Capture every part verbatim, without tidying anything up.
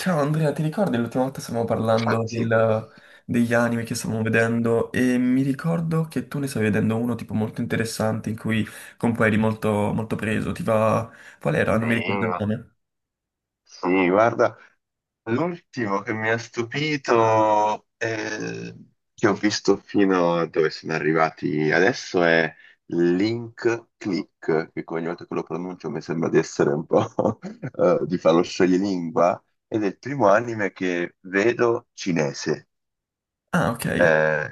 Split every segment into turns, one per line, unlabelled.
Ciao Andrea, ti ricordi l'ultima volta stavamo
Ah,
parlando
sì.
del- degli anime che stavamo vedendo? E mi ricordo che tu ne stavi vedendo uno tipo molto interessante in cui con cui eri molto, molto preso. Ti va... Qual era?
Sì,
Non mi ricordo il nome.
sì, guarda, l'ultimo che mi ha stupito, eh, che ho visto fino a dove sono arrivati adesso è Link Click, che ogni volta che lo pronuncio mi sembra di essere un po' eh, di farlo scioglilingua, ed è il primo anime che vedo cinese.
Ah, ok.
Eh,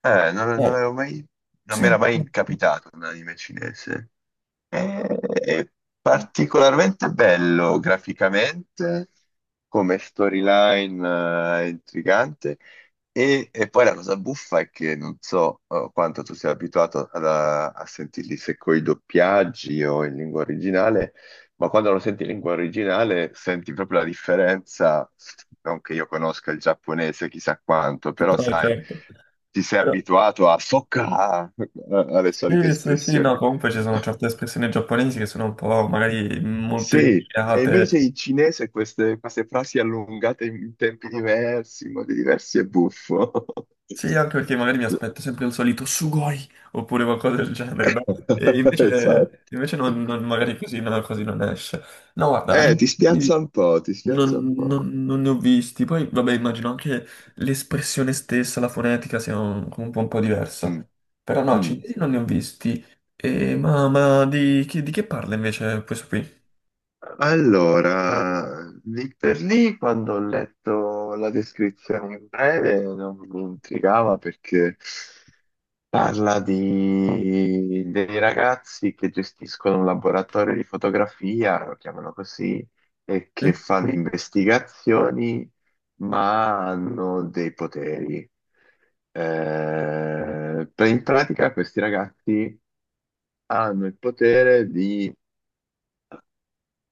eh, non, non
Eh,
avevo mai, non mi era
sì,
mai capitato un anime cinese. È è particolarmente bello graficamente, come storyline, eh, intrigante. E, e poi la cosa buffa è che non so, eh, quanto tu sia abituato ad- a, a sentirli se coi doppiaggi o in lingua originale, ma quando lo senti in lingua originale senti proprio la differenza. Non che io conosca il giapponese chissà quanto,
sì,
però
no,
sai,
certo.
ti sei
Però-
abituato a socca alle solite
Sì, sì, sì,
espressioni.
no, comunque ci sono certe espressioni giapponesi che sono un po' magari molto
Sì, e invece
indicate.
in cinese queste, queste frasi allungate in tempi diversi, in modi diversi è buffo.
Sì, anche perché magari mi aspetto sempre il solito sugoi oppure qualcosa del genere, no? E
Esatto.
invece, invece non, non- magari così, no, così non esce. No, guarda,
Eh, ti spiazza
animati
un po', ti spiazza
non,
un po'.
non- non ne ho visti. Poi, vabbè, immagino anche l'espressione stessa, la fonetica sia un, un po', un po' diversa.
Mm,
Però no,
mm.
cinesi non ne ho visti. E, ma ma di, chi- di che parla invece questo qui?
Allora, lì per lì, quando ho letto la descrizione in breve, non mi intrigava perché parla di dei ragazzi che gestiscono un laboratorio di fotografia, lo chiamano così, e
Eh?
che fanno investigazioni, ma hanno dei poteri. Eh, per- in pratica questi ragazzi hanno il potere di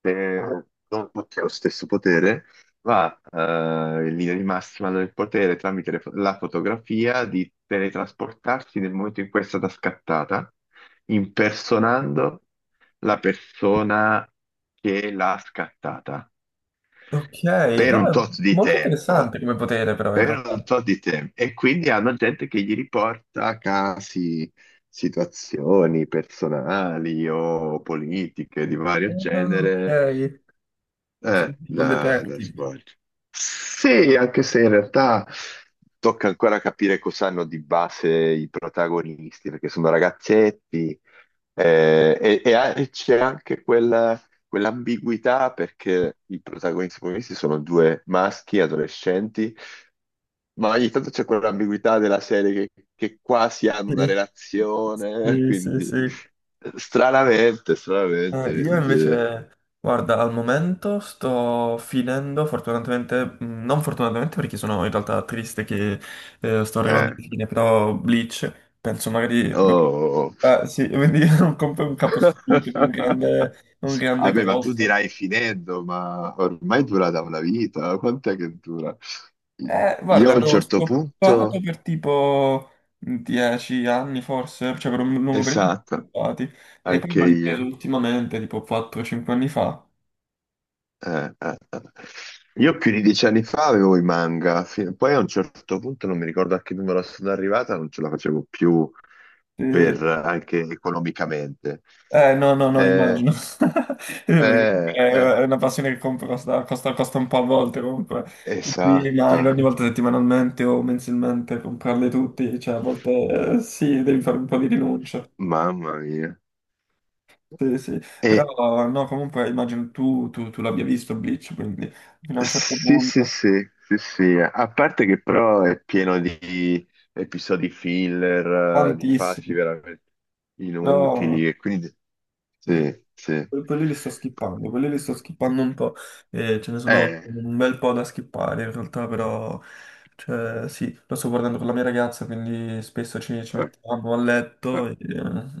se non tutti hanno lo stesso potere, ma eh, in linea di massima hanno il potere tramite le fo- la fotografia di teletrasportarsi nel momento in cui è stata scattata, impersonando la persona che l'ha scattata
Ok,
per un
no,
tot di
molto
tempo,
interessante come potere però in
per
realtà.
un tot di tempo. E quindi hanno gente che gli riporta casi, situazioni personali o politiche di vario
Ah,
genere
ok,
eh,
tipo un
da, da
detective.
svolgere. Sì, anche se in realtà tocca ancora capire cosa hanno di base i protagonisti, perché sono ragazzetti eh, e, e a- e c'è anche quella- quell'ambiguità perché i protagonisti protagonisti sono due maschi adolescenti, ma ogni tanto c'è quell'ambiguità della serie che, che quasi hanno una
Sì.
relazione,
Sì, sì,
quindi
sì.
stranamente,
Eh,
stranamente,
io
dice,
invece, guarda, al momento sto finendo, fortunatamente, mh, non fortunatamente perché sono in realtà triste che eh, sto arrivando
eh,
alla fine, però Bleach, penso magari...
oh, oh, oh.
Ah, sì, quindi non compro un capostipite, un grande, un grande
Vabbè, ma tu
colosso.
dirai finendo, ma ormai dura da una vita, eh? quant'è che dura?
Eh, guarda,
Io a
ne
un
ho
certo punto,
stoppato per tipo dieci anni forse, cioè per un lungo periodo
esatto,
sono stoppati, e poi
anche
l'ho ripreso
io.
ultimamente, tipo quattro cinque anni fa.
Eh, eh, eh. Io più di dieci anni fa avevo i manga, fi- poi a un certo punto non mi ricordo a che numero sono arrivata, non ce la facevo più per, anche economicamente.
Eh, no, no, no,
Eh,
immagino. Perché
eh,
eh,
eh,
è una passione che compro, costa, costa, costa un po' a volte comunque. Tutti i manga,
esatto,
ogni volta settimanalmente o mensilmente, comprarli tutti, cioè a volte eh, sì, devi fare un po' di rinuncia.
mamma mia.
Sì, sì.
E,
Però no, comunque immagino tu, tu, tu l'abbia visto Bleach, quindi fino a un certo
sì, sì,
punto,
sì, sì, sì, a parte che però è pieno di episodi filler, eh, di fasi
tantissimo.
veramente
Però
inutili e quindi
Eh,
sì, sì.
que- quelli li sto skippando, quelli li sto skippando un po'. Eh, ce ne sono
Eh,
un bel po' da skippare in realtà, però cioè, sì, lo sto guardando con la mia ragazza, quindi spesso ci, ci
o-
mettiamo a
o-
letto e,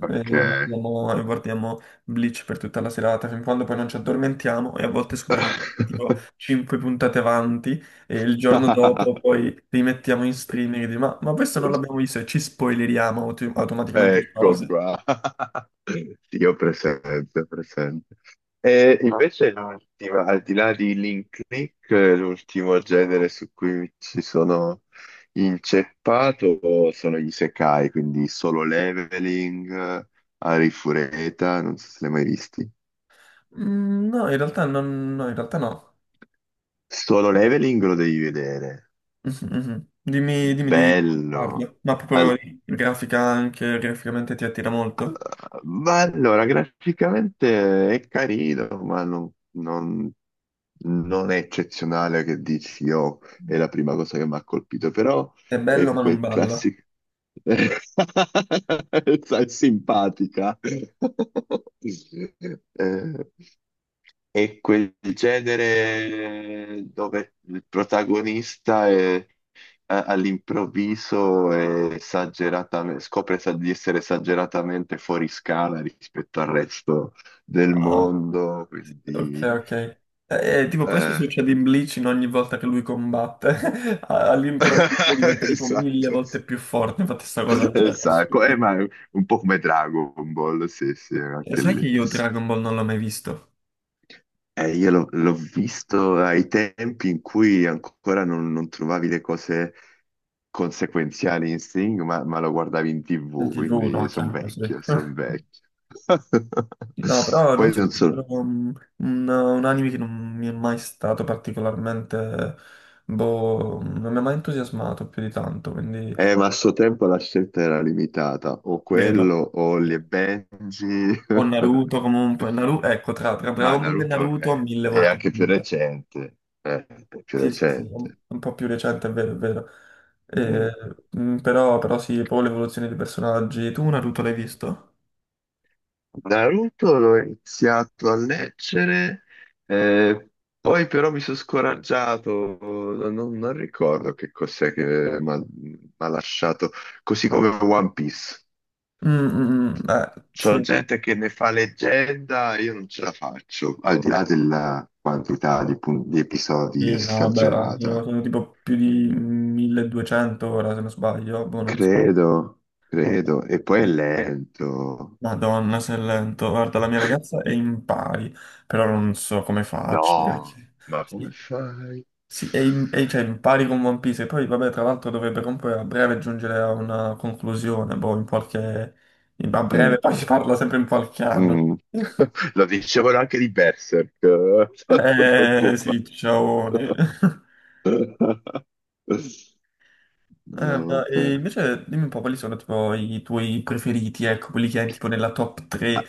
ok.
guardiamo, e guardiamo Bleach per tutta la serata, fin quando poi non ci addormentiamo e a volte scopriamo di essere tipo cinque puntate avanti, e il giorno dopo poi rimettiamo in streaming e dici, ma, ma questo non l'abbiamo visto e ci spoileriamo auto- automaticamente di
Ecco
cose.
qua. Sì, ho presente, ho presente. E invece l'ultima, al di là di Link Click, eh, l'ultimo genere su cui ci sono inceppato sono gli isekai, quindi Solo Leveling, Arifureta, non so se li hai mai visti.
Mm, no, in realtà non, no, in realtà no.
Solo Leveling lo devi vedere,
Mhm, mhm. Dimmi, dimmi di parli.
bello.
Ma proprio
Al-
di grafica anche, graficamente ti attira molto.
Ma allora, graficamente è carino, ma non, non- non è eccezionale che dici, oh, è la prima cosa che mi ha colpito, però
È bello
è
ma non
quel
balla.
classico. Sai, simpatica. Eh, è quel genere dove il protagonista è- a- all'improvviso è esageratame- scopre sa- di essere esageratamente fuori scala rispetto al resto del
Ah,
mondo,
ok,
quindi.
ok. Eh, eh, tipo, questo
eh,
succede in Bleach in ogni volta che lui combatte. A- All'improvviso diventa tipo mille
Esatto.
volte più forte. Infatti sta cosa cioè, è
Esatto, eh,
assurda.
ma è un po' come Dragon Ball, sì, sì,
E
anche
sai che
lì.
io Dragon Ball non l'ho mai visto?
Eh, io l'ho l'ho visto ai tempi in cui ancora non, non trovavi le cose conseguenziali in Sing, ma, ma lo guardavi in
In
T V,
ti vu, no,
quindi sono
chiaro, sì.
vecchio, sono vecchio.
No, però non
Poi
so, è
non so,
proprio un, un- un anime che non mi è mai stato particolarmente, boh, non mi ha mai entusiasmato più di tanto, quindi
eh, ma a suo tempo la scelta era limitata, o quello
meno.
o Holly e Benji,
O Naruto comunque, Naruto, ecco, tra, tra
ma
Dragon Ball e
Naruto
Naruto
è,
mille
è
volte
anche più
meglio.
recente, eh, è più
Sì, sì, sì, un,
recente.
un po' più recente, è vero, è vero.
Mm.
Eh, mm, però, però sì, poi l'evoluzione dei personaggi. Tu Naruto l'hai visto?
Naruto l'ho iniziato a leggere, eh, poi però mi sono scoraggiato, non, non ricordo che cos'è che mi ha lasciato, così come One Piece.
Mm, mm, mm, eh,
C'è
sì.
gente che ne fa leggenda e io non ce la faccio, al di là della quantità di, pun- di episodi
Sì, no, vabbè, sono,
esagerata.
sono tipo più di milleduecento ora, se non sbaglio, boh, non so.
Credo, credo, e poi
Sì.
è lento.
Madonna, se è lento. Guarda, la mia ragazza è in pari, però non so come faccio,
No,
perché...
ma come
Sì,
fai?
sì, è in, è- cioè, in pari con One Piece, e poi, vabbè, tra l'altro dovrebbe comunque a breve giungere a una conclusione, boh, in qualche... in- A breve, poi si parla sempre in qualche anno.
Mm. Lo dicevano anche di Berserk eh, tanto
Eh,
tempo fa.
sì, ciao. Eh,
No,
ma e
vabbè.
invece dimmi un po' quali sono tipo, i tuoi preferiti, ecco, quelli che hai tipo nella top tre.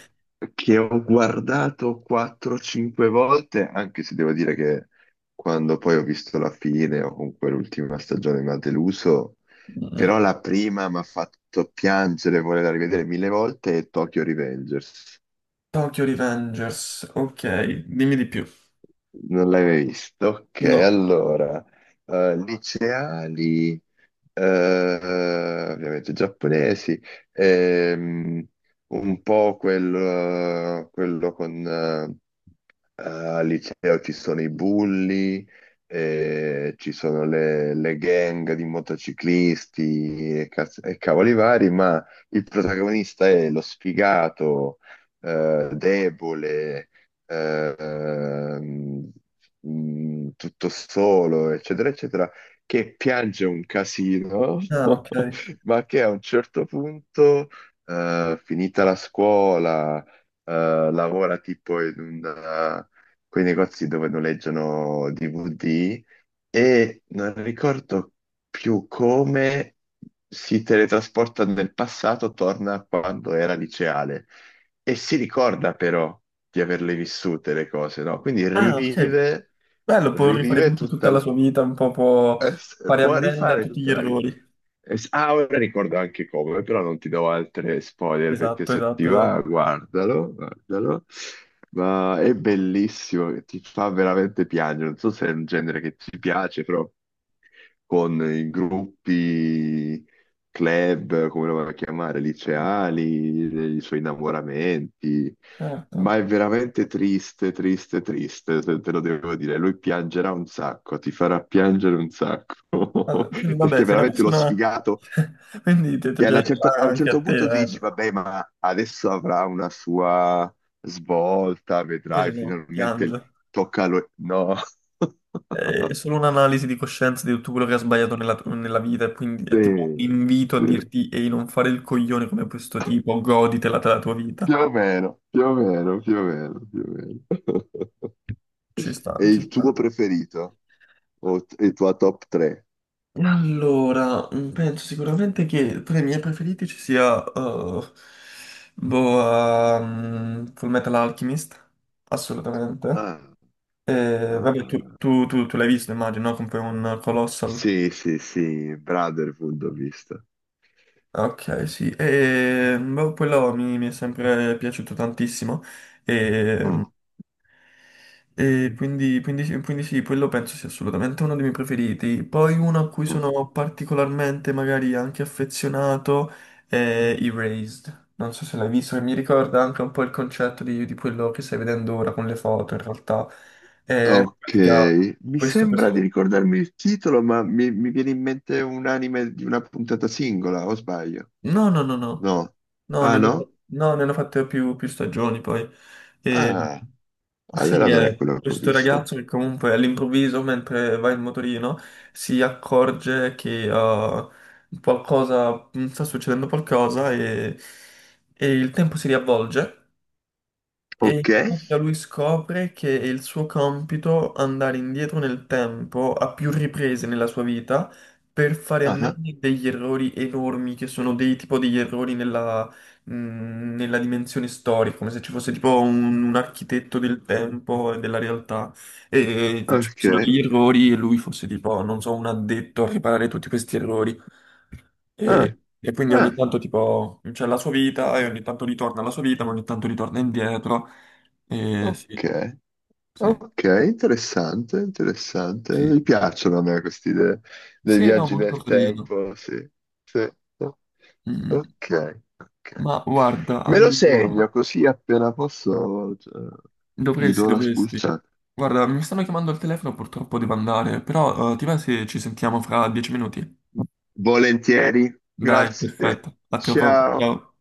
Che ho guardato quattro o cinque volte, anche se devo dire che quando poi ho visto la fine o comunque l'ultima stagione mi ha deluso,
Mm,
però la prima mi ha fatto piangere, volerla rivedere mille volte, è Tokyo Revengers.
Tokyo Revengers, ok, dimmi di più.
Non l'hai mai visto? Ok,
No.
allora, eh, liceali. eh, ovviamente giapponesi, ehm, un po' quel, eh, quello con, eh, al liceo ci sono i bulli, eh, ci sono le, le gang di motociclisti e, caz- e cavoli vari, ma il protagonista è lo sfigato, eh, debole, eh, ehm, mm, tutto solo, eccetera, eccetera, che piange un casino,
Ah, ok.
ma che a un certo punto, eh, finita la scuola, eh, lavora tipo in un quei negozi dove noleggiano D V D e non ricordo più come si teletrasporta nel passato, torna a quando era liceale e si ricorda però di averle vissute le cose, no? Quindi
Ah, ok.
rivive,
Bello, può rifare
rivive
un po' tutta
tutta,
la
l-
sua vita, un po' può
eh,
fare
può
ammenda a
rifare
tutti gli
tutta la vita
errori.
eh, s- Ah, ora ricordo anche come, però non ti do altre spoiler perché
Esatto,
se ti
esatto, esatto.
va, guardalo, guardalo. Ma è bellissimo, ti fa veramente piangere. Non so se è un genere che ti piace, però con i gruppi, club, come lo vuoi chiamare, liceali, i suoi innamoramenti. Ma
Certo.
è veramente triste, triste, triste, se te lo devo dire. Lui piangerà un sacco, ti farà piangere un
Allora,
sacco.
quindi, vabbè,
Perché
se una
veramente lo
persona...
sfigato
Quindi ti, ti
che alla
piace
certa- a un
anche a
certo
te,
punto ti
eh.
dici, vabbè, ma adesso avrà una sua svolta, vedrai,
Invece no,
finalmente
piange.
tocca a lui. No.
È solo un'analisi di coscienza di tutto quello che ha sbagliato nella, nella vita, e quindi
Sì,
è tipo un invito a
sì.
dirti ehi, non fare il coglione come questo tipo, goditela della tua vita.
Più o meno, più o meno, più o meno, più o meno.
Ci sta,
È
ci
il tuo
sta.
preferito? O t- il tuo top tre?
Allora, mm, penso sicuramente che tra i miei preferiti ci sia eh, boh, ehm, Full Metal Alchemist, assolutamente.
Ah,
Eh, vabbè, tu,
ah.
tu- tu- tu l'hai visto, immagino, no? Come un Colossal.
Sì, sì, sì, Brotherhood ho visto.
Ok, sì, e boh, quello mi, mi è sempre piaciuto tantissimo e,
Mm,
e quindi, quindi sì, quindi sì, quello penso sia assolutamente uno dei miei preferiti. Poi uno a cui sono particolarmente magari anche affezionato è Erased, non so se l'hai visto, e mi ricorda anche un po' il concetto di, di quello che stai vedendo ora con le foto in realtà. È in pratica
Ok, mi
questo,
sembra di
questo
ricordarmi il titolo, ma mi, mi viene in mente un anime di una puntata singola, o sbaglio?
no, no, no, no.
No.
No,
Ah,
ne hanno, fa-
no?
no, ne hanno fatte più, più stagioni poi. E,
Ah, allora
sì,
non è
è
quello che ho
questo
visto.
ragazzo che comunque all'improvviso, mentre va in motorino, si accorge che ah, qualcosa, mm, sta succedendo qualcosa e, e il tempo si riavvolge, e in
Ok.
pratica lui scopre che è il suo compito andare indietro nel tempo a più riprese nella sua vita per fare a meno
Ah,
degli errori enormi, che sono dei tipo degli errori nella, mh, nella dimensione storica, come se ci fosse tipo un, un architetto del tempo e della realtà e mm, ci fossero
ok.
degli errori e lui fosse tipo, non so, un addetto a riparare tutti questi errori.
Ah,
E, e quindi ogni
ah,
tanto tipo c'è la sua vita e ogni tanto ritorna alla sua vita, ma ogni tanto ritorna indietro. E sì,
ok.
sì,
Ok, interessante, interessante.
sì.
Mi piacciono a me queste idee dei
Sì, no,
viaggi
molto
nel
carino.
tempo, sì. Sì. Ok,
Mm,
ok.
ma guarda,
Me lo
allora,
segno così appena posso, cioè, gli
dovresti,
do una
dovresti.
spulciata.
Guarda, mi stanno chiamando al telefono, purtroppo devo andare, però eh, ti va se ci sentiamo fra dieci minuti?
Volentieri,
Dai,
grazie.
perfetto. A tra poco.
Ciao.
Ciao.